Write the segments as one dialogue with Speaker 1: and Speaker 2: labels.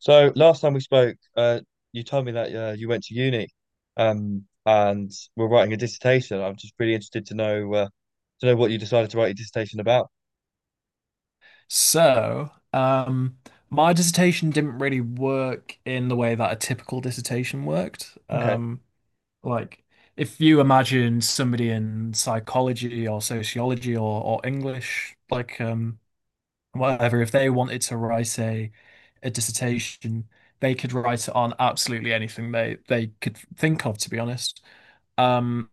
Speaker 1: So last time we spoke, you told me that you went to uni, and were writing a dissertation. I'm just really interested to know what you decided to write your dissertation about.
Speaker 2: So, my dissertation didn't really work in the way that a typical dissertation worked.
Speaker 1: Okay.
Speaker 2: Like, if you imagine somebody in psychology or sociology or English, like, whatever, if they wanted to write a dissertation, they could write it on absolutely anything they could think of, to be honest. Um,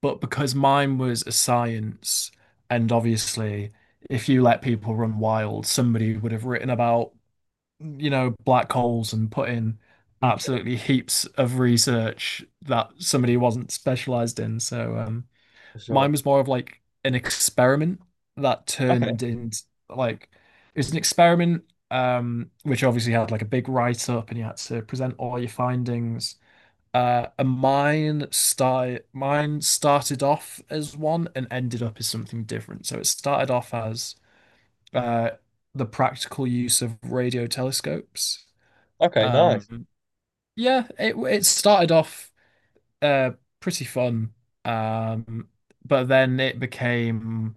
Speaker 2: but because mine was a science, and obviously, if you let people run wild, somebody would have written about black holes and put in
Speaker 1: Mm.
Speaker 2: absolutely heaps of research that somebody wasn't specialized in. So,
Speaker 1: For sure.
Speaker 2: mine was more of like an experiment that
Speaker 1: Okay.
Speaker 2: turned into, like, it was an experiment, which obviously had like a big write up and you had to present all your findings. And mine started off as one and ended up as something different. So it started off as uh, the practical use of radio telescopes.
Speaker 1: Okay, nice.
Speaker 2: Um, yeah, it started off, uh, pretty fun, um, but then it became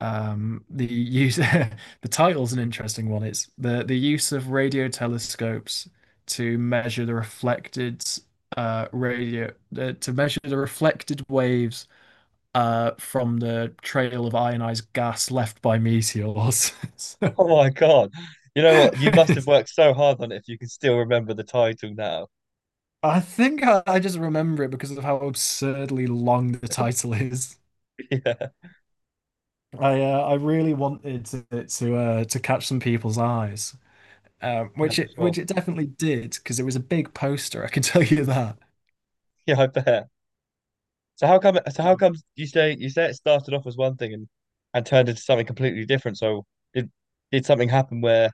Speaker 2: the use the title's an interesting one. It's the use of radio telescopes to measure the reflected uh radio to measure the reflected waves from the trail of ionized gas left by meteors. So,
Speaker 1: Oh my God, you know what? You must have worked so hard on it if you can still remember the title now.
Speaker 2: I think I just remember it because of how absurdly long the title is.
Speaker 1: Yeah.
Speaker 2: I really wanted it to catch some people's eyes.
Speaker 1: Yeah,
Speaker 2: Which
Speaker 1: for
Speaker 2: it which
Speaker 1: sure.
Speaker 2: it definitely did because it was a big poster. I can tell you that.
Speaker 1: Yeah, I bet. So how come? So how come you say it started off as one thing and turned into something completely different? So did did something happen where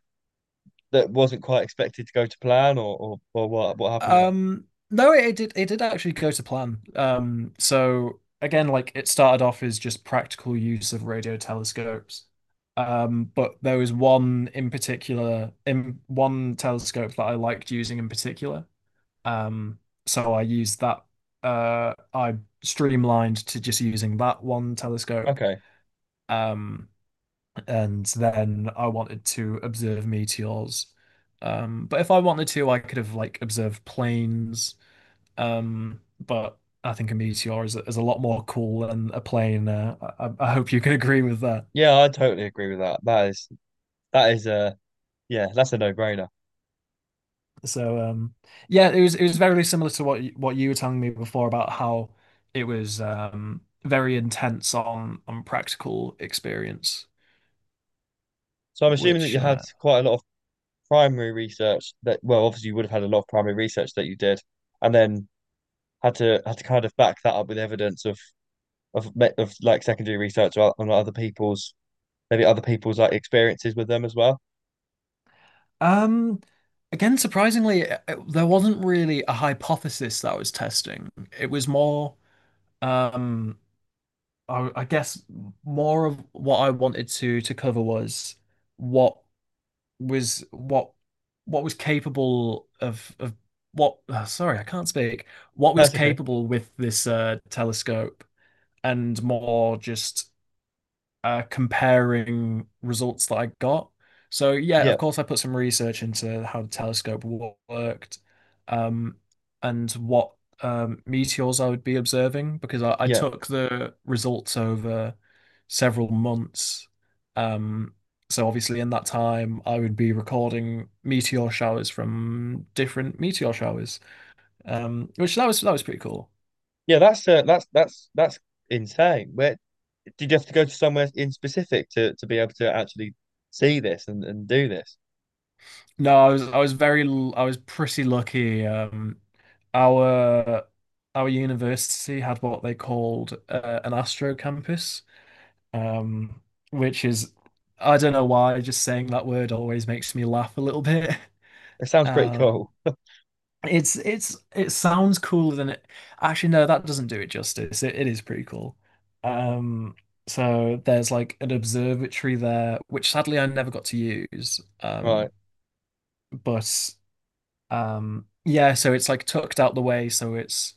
Speaker 1: that wasn't quite expected to go to plan, or what happened there?
Speaker 2: Um, no, it did actually go to plan. So again, like, it started off as just practical use of radio telescopes. But there was one in particular, in one telescope that I liked using in particular. Um, so I used that. I streamlined to just using that one telescope.
Speaker 1: Okay.
Speaker 2: Um, and then I wanted to observe meteors. But if I wanted to, I could have, like, observed planes. But I think a meteor is a lot more cool than a plane. I hope you can agree with that.
Speaker 1: Yeah, I totally agree with that. That is yeah, that's a no-brainer.
Speaker 2: So, yeah, it was very similar to what you were telling me before about how it was, very intense on practical experience,
Speaker 1: So I'm assuming that
Speaker 2: which
Speaker 1: you had quite a lot of primary research that, well, obviously you would have had a lot of primary research that you did, and then had to kind of back that up with evidence of of like secondary research on other people's, maybe other people's like experiences with them as well.
Speaker 2: Um, again, surprisingly, there wasn't really a hypothesis that I was testing. It was more, um, I guess more of what I wanted to cover was what was what what was capable of what. Sorry, I can't speak. What was
Speaker 1: That's okay.
Speaker 2: capable with this, telescope, and more just comparing results that I got. So yeah,
Speaker 1: Yeah,
Speaker 2: of course, I put some research into how the telescope worked, um, and what meteors I would be observing because I
Speaker 1: yeah,
Speaker 2: took the results over several months. Um, so obviously, in that time, I would be recording meteor showers from different meteor showers, which that was pretty cool.
Speaker 1: yeah. That's that's insane. Where, did you have to go to somewhere in specific to be able to actually see this and do this?
Speaker 2: No, I was pretty lucky. Our our university had what they called, an Astro campus, um, which is — I don't know why just saying that word always makes me laugh a little bit.
Speaker 1: It sounds pretty
Speaker 2: Um,
Speaker 1: cool.
Speaker 2: it's it sounds cooler than it — actually no, that doesn't do it justice. It is pretty cool. Um, so there's like an observatory there, which sadly I never got to use.
Speaker 1: Right.
Speaker 2: But. Yeah, so it's like tucked out the way, so it's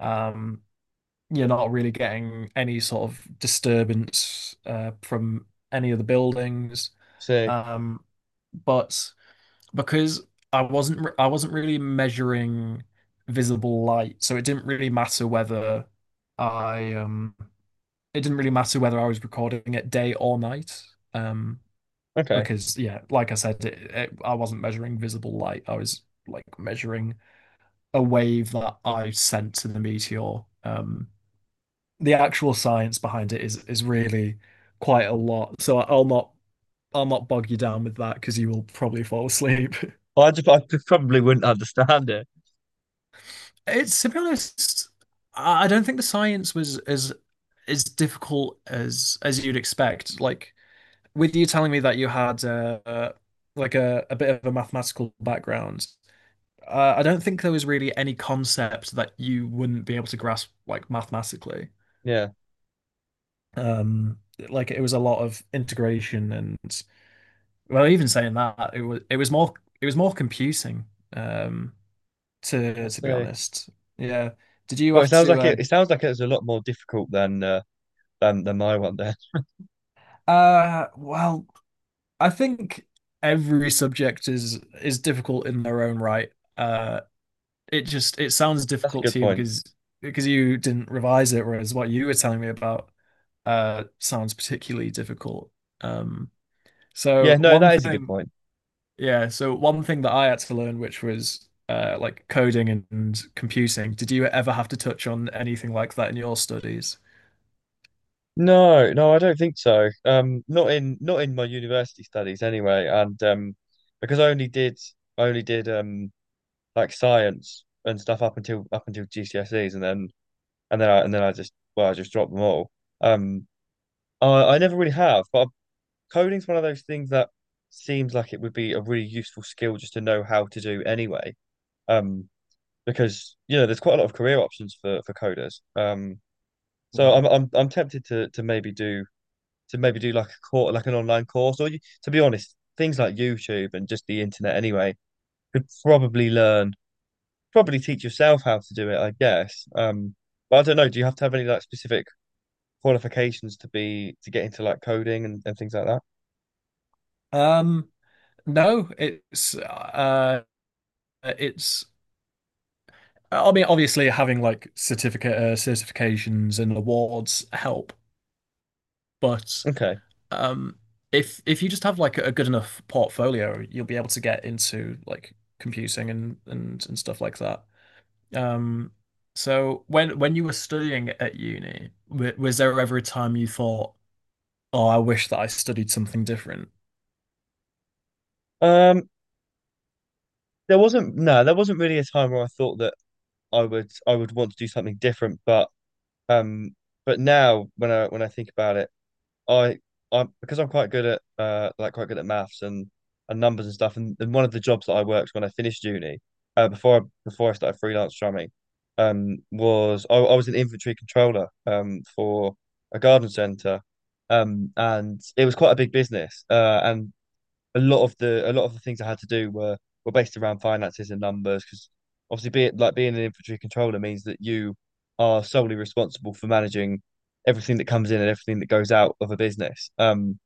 Speaker 2: um, you're not really getting any sort of disturbance from any of the buildings.
Speaker 1: So
Speaker 2: Um, but because I wasn't really measuring visible light, so I um it didn't really matter whether I was recording it day or night. Um,
Speaker 1: okay.
Speaker 2: because yeah, like I said, I wasn't measuring visible light. I was, like, measuring a wave that I sent to the meteor. The actual science behind it is really quite a lot. So I'll not bog you down with that because you will probably fall asleep.
Speaker 1: Well, I just probably wouldn't understand it.
Speaker 2: It's To be honest, I don't think the science was as difficult as you'd expect. Like, with you telling me that you had like, a bit of a mathematical background, I don't think there was really any concept that you wouldn't be able to grasp, like, mathematically.
Speaker 1: Yeah.
Speaker 2: Um, like, it was a lot of integration and — well, even saying that, it was more computing, um,
Speaker 1: I
Speaker 2: to be
Speaker 1: see.
Speaker 2: honest. Yeah. Did you
Speaker 1: Well, it
Speaker 2: have
Speaker 1: sounds
Speaker 2: to
Speaker 1: like it. It sounds like it was a lot more difficult than my one. There,
Speaker 2: Well, I think every subject is difficult in their own right. Uh it sounds
Speaker 1: that's a
Speaker 2: difficult
Speaker 1: good
Speaker 2: to you
Speaker 1: point.
Speaker 2: because you didn't revise it, whereas what you were telling me about sounds particularly difficult. Um so
Speaker 1: Yeah, no,
Speaker 2: one
Speaker 1: that is a good
Speaker 2: thing
Speaker 1: point.
Speaker 2: Yeah, so one thing that I had to learn, which was, like, coding and computing, did you ever have to touch on anything like that in your studies?
Speaker 1: No, no, I don't think so. Not in not in my university studies anyway, and because I only did like science and stuff up until GCSEs, and then and then I just, well, I just dropped them all. Um, I never really have, but coding's one of those things that seems like it would be a really useful skill just to know how to do anyway. Um, because you know there's quite a lot of career options for coders. So
Speaker 2: Yeah.
Speaker 1: I'm tempted to maybe do like a course, like an online course, or, you, to be honest, things like YouTube and just the internet anyway could probably learn probably teach yourself how to do it I guess. But I don't know. Do you have to have any like specific qualifications to be to get into like coding and things like that?
Speaker 2: Um, no, it's I mean, obviously, having like certificate certifications and awards help, but
Speaker 1: Okay.
Speaker 2: um, if you just have like a good enough portfolio, you'll be able to get into like computing and stuff like that. Um, so when you were studying at uni, w was there ever a time you thought, "Oh, I wish that I studied something different"?
Speaker 1: Um, there wasn't, no, there wasn't really a time where I thought that I would want to do something different, um, but now when I think about it, I, because I'm quite good at like quite good at maths and numbers and stuff and one of the jobs that I worked when I finished uni, before before I started freelance drumming was I was an inventory controller for a garden centre um, and it was quite a big business uh, and a lot of the, a lot of the things I had to do were based around finances and numbers because obviously being like being an infantry controller means that you are solely responsible for managing everything that comes in and everything that goes out of a business.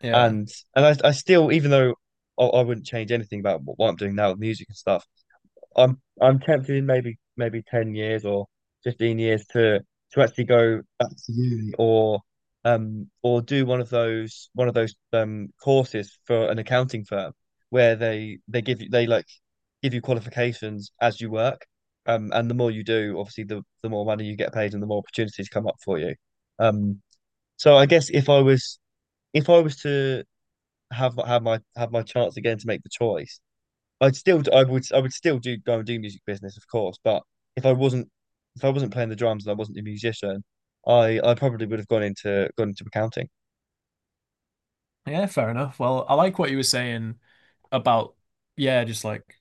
Speaker 2: Yeah,
Speaker 1: and and I still, even though I wouldn't change anything about what I'm doing now with music and stuff, I'm tempted in maybe maybe 10 years or 15 years to actually go back to uni, or do one of those, one of those courses for an accounting firm where they give you, they like give you qualifications as you work, and the more you do, obviously the more money you get paid and the more opportunities come up for you, um so I guess if I was to have my, have my chance again to make the choice, I'd still, I would still do, go and do music business, of course. But if I wasn't, if I wasn't playing the drums and I wasn't a musician, I probably would have gone into accounting.
Speaker 2: yeah, fair enough. Well, I like what you were saying about, yeah, just like,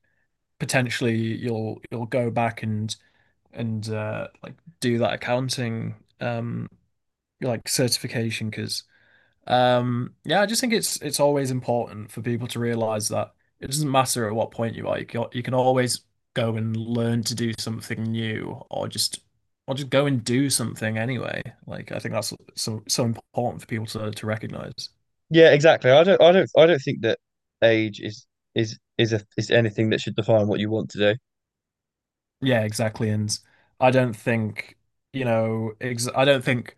Speaker 2: potentially you'll go back and like, do that accounting, um like, certification, because yeah, I just think it's always important for people to realize that it doesn't matter at what point you are. You can, you can always go and learn to do something new, or just — or just go and do something anyway, like, I think that's so important for people to recognize.
Speaker 1: Yeah, exactly. I don't think that age is a is anything that should define what you want to do.
Speaker 2: Yeah, exactly. And I don't think, you know, ex I don't think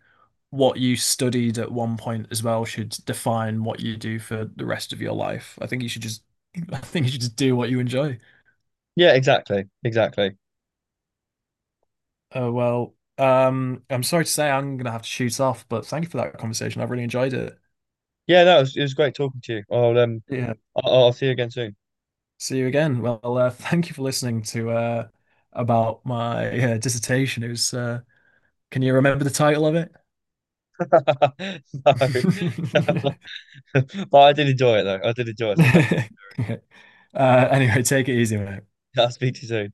Speaker 2: what you studied at one point as well should define what you do for the rest of your life. I think you should just, I think you should just do what you enjoy.
Speaker 1: Yeah, exactly, exactly.
Speaker 2: Oh, well, I'm sorry to say I'm gonna have to shoot off, but thank you for that conversation. I've really enjoyed it.
Speaker 1: Yeah, no, it was great talking to you. I'll
Speaker 2: Yeah.
Speaker 1: I'll see you again soon.
Speaker 2: See you again. Well, thank you for listening to about my, dissertation. It was, can you remember the title of it?
Speaker 1: No. But I did enjoy it though. I did enjoy it. So thank
Speaker 2: uh, anyway, take it easy, mate.
Speaker 1: you. I'll speak to you soon.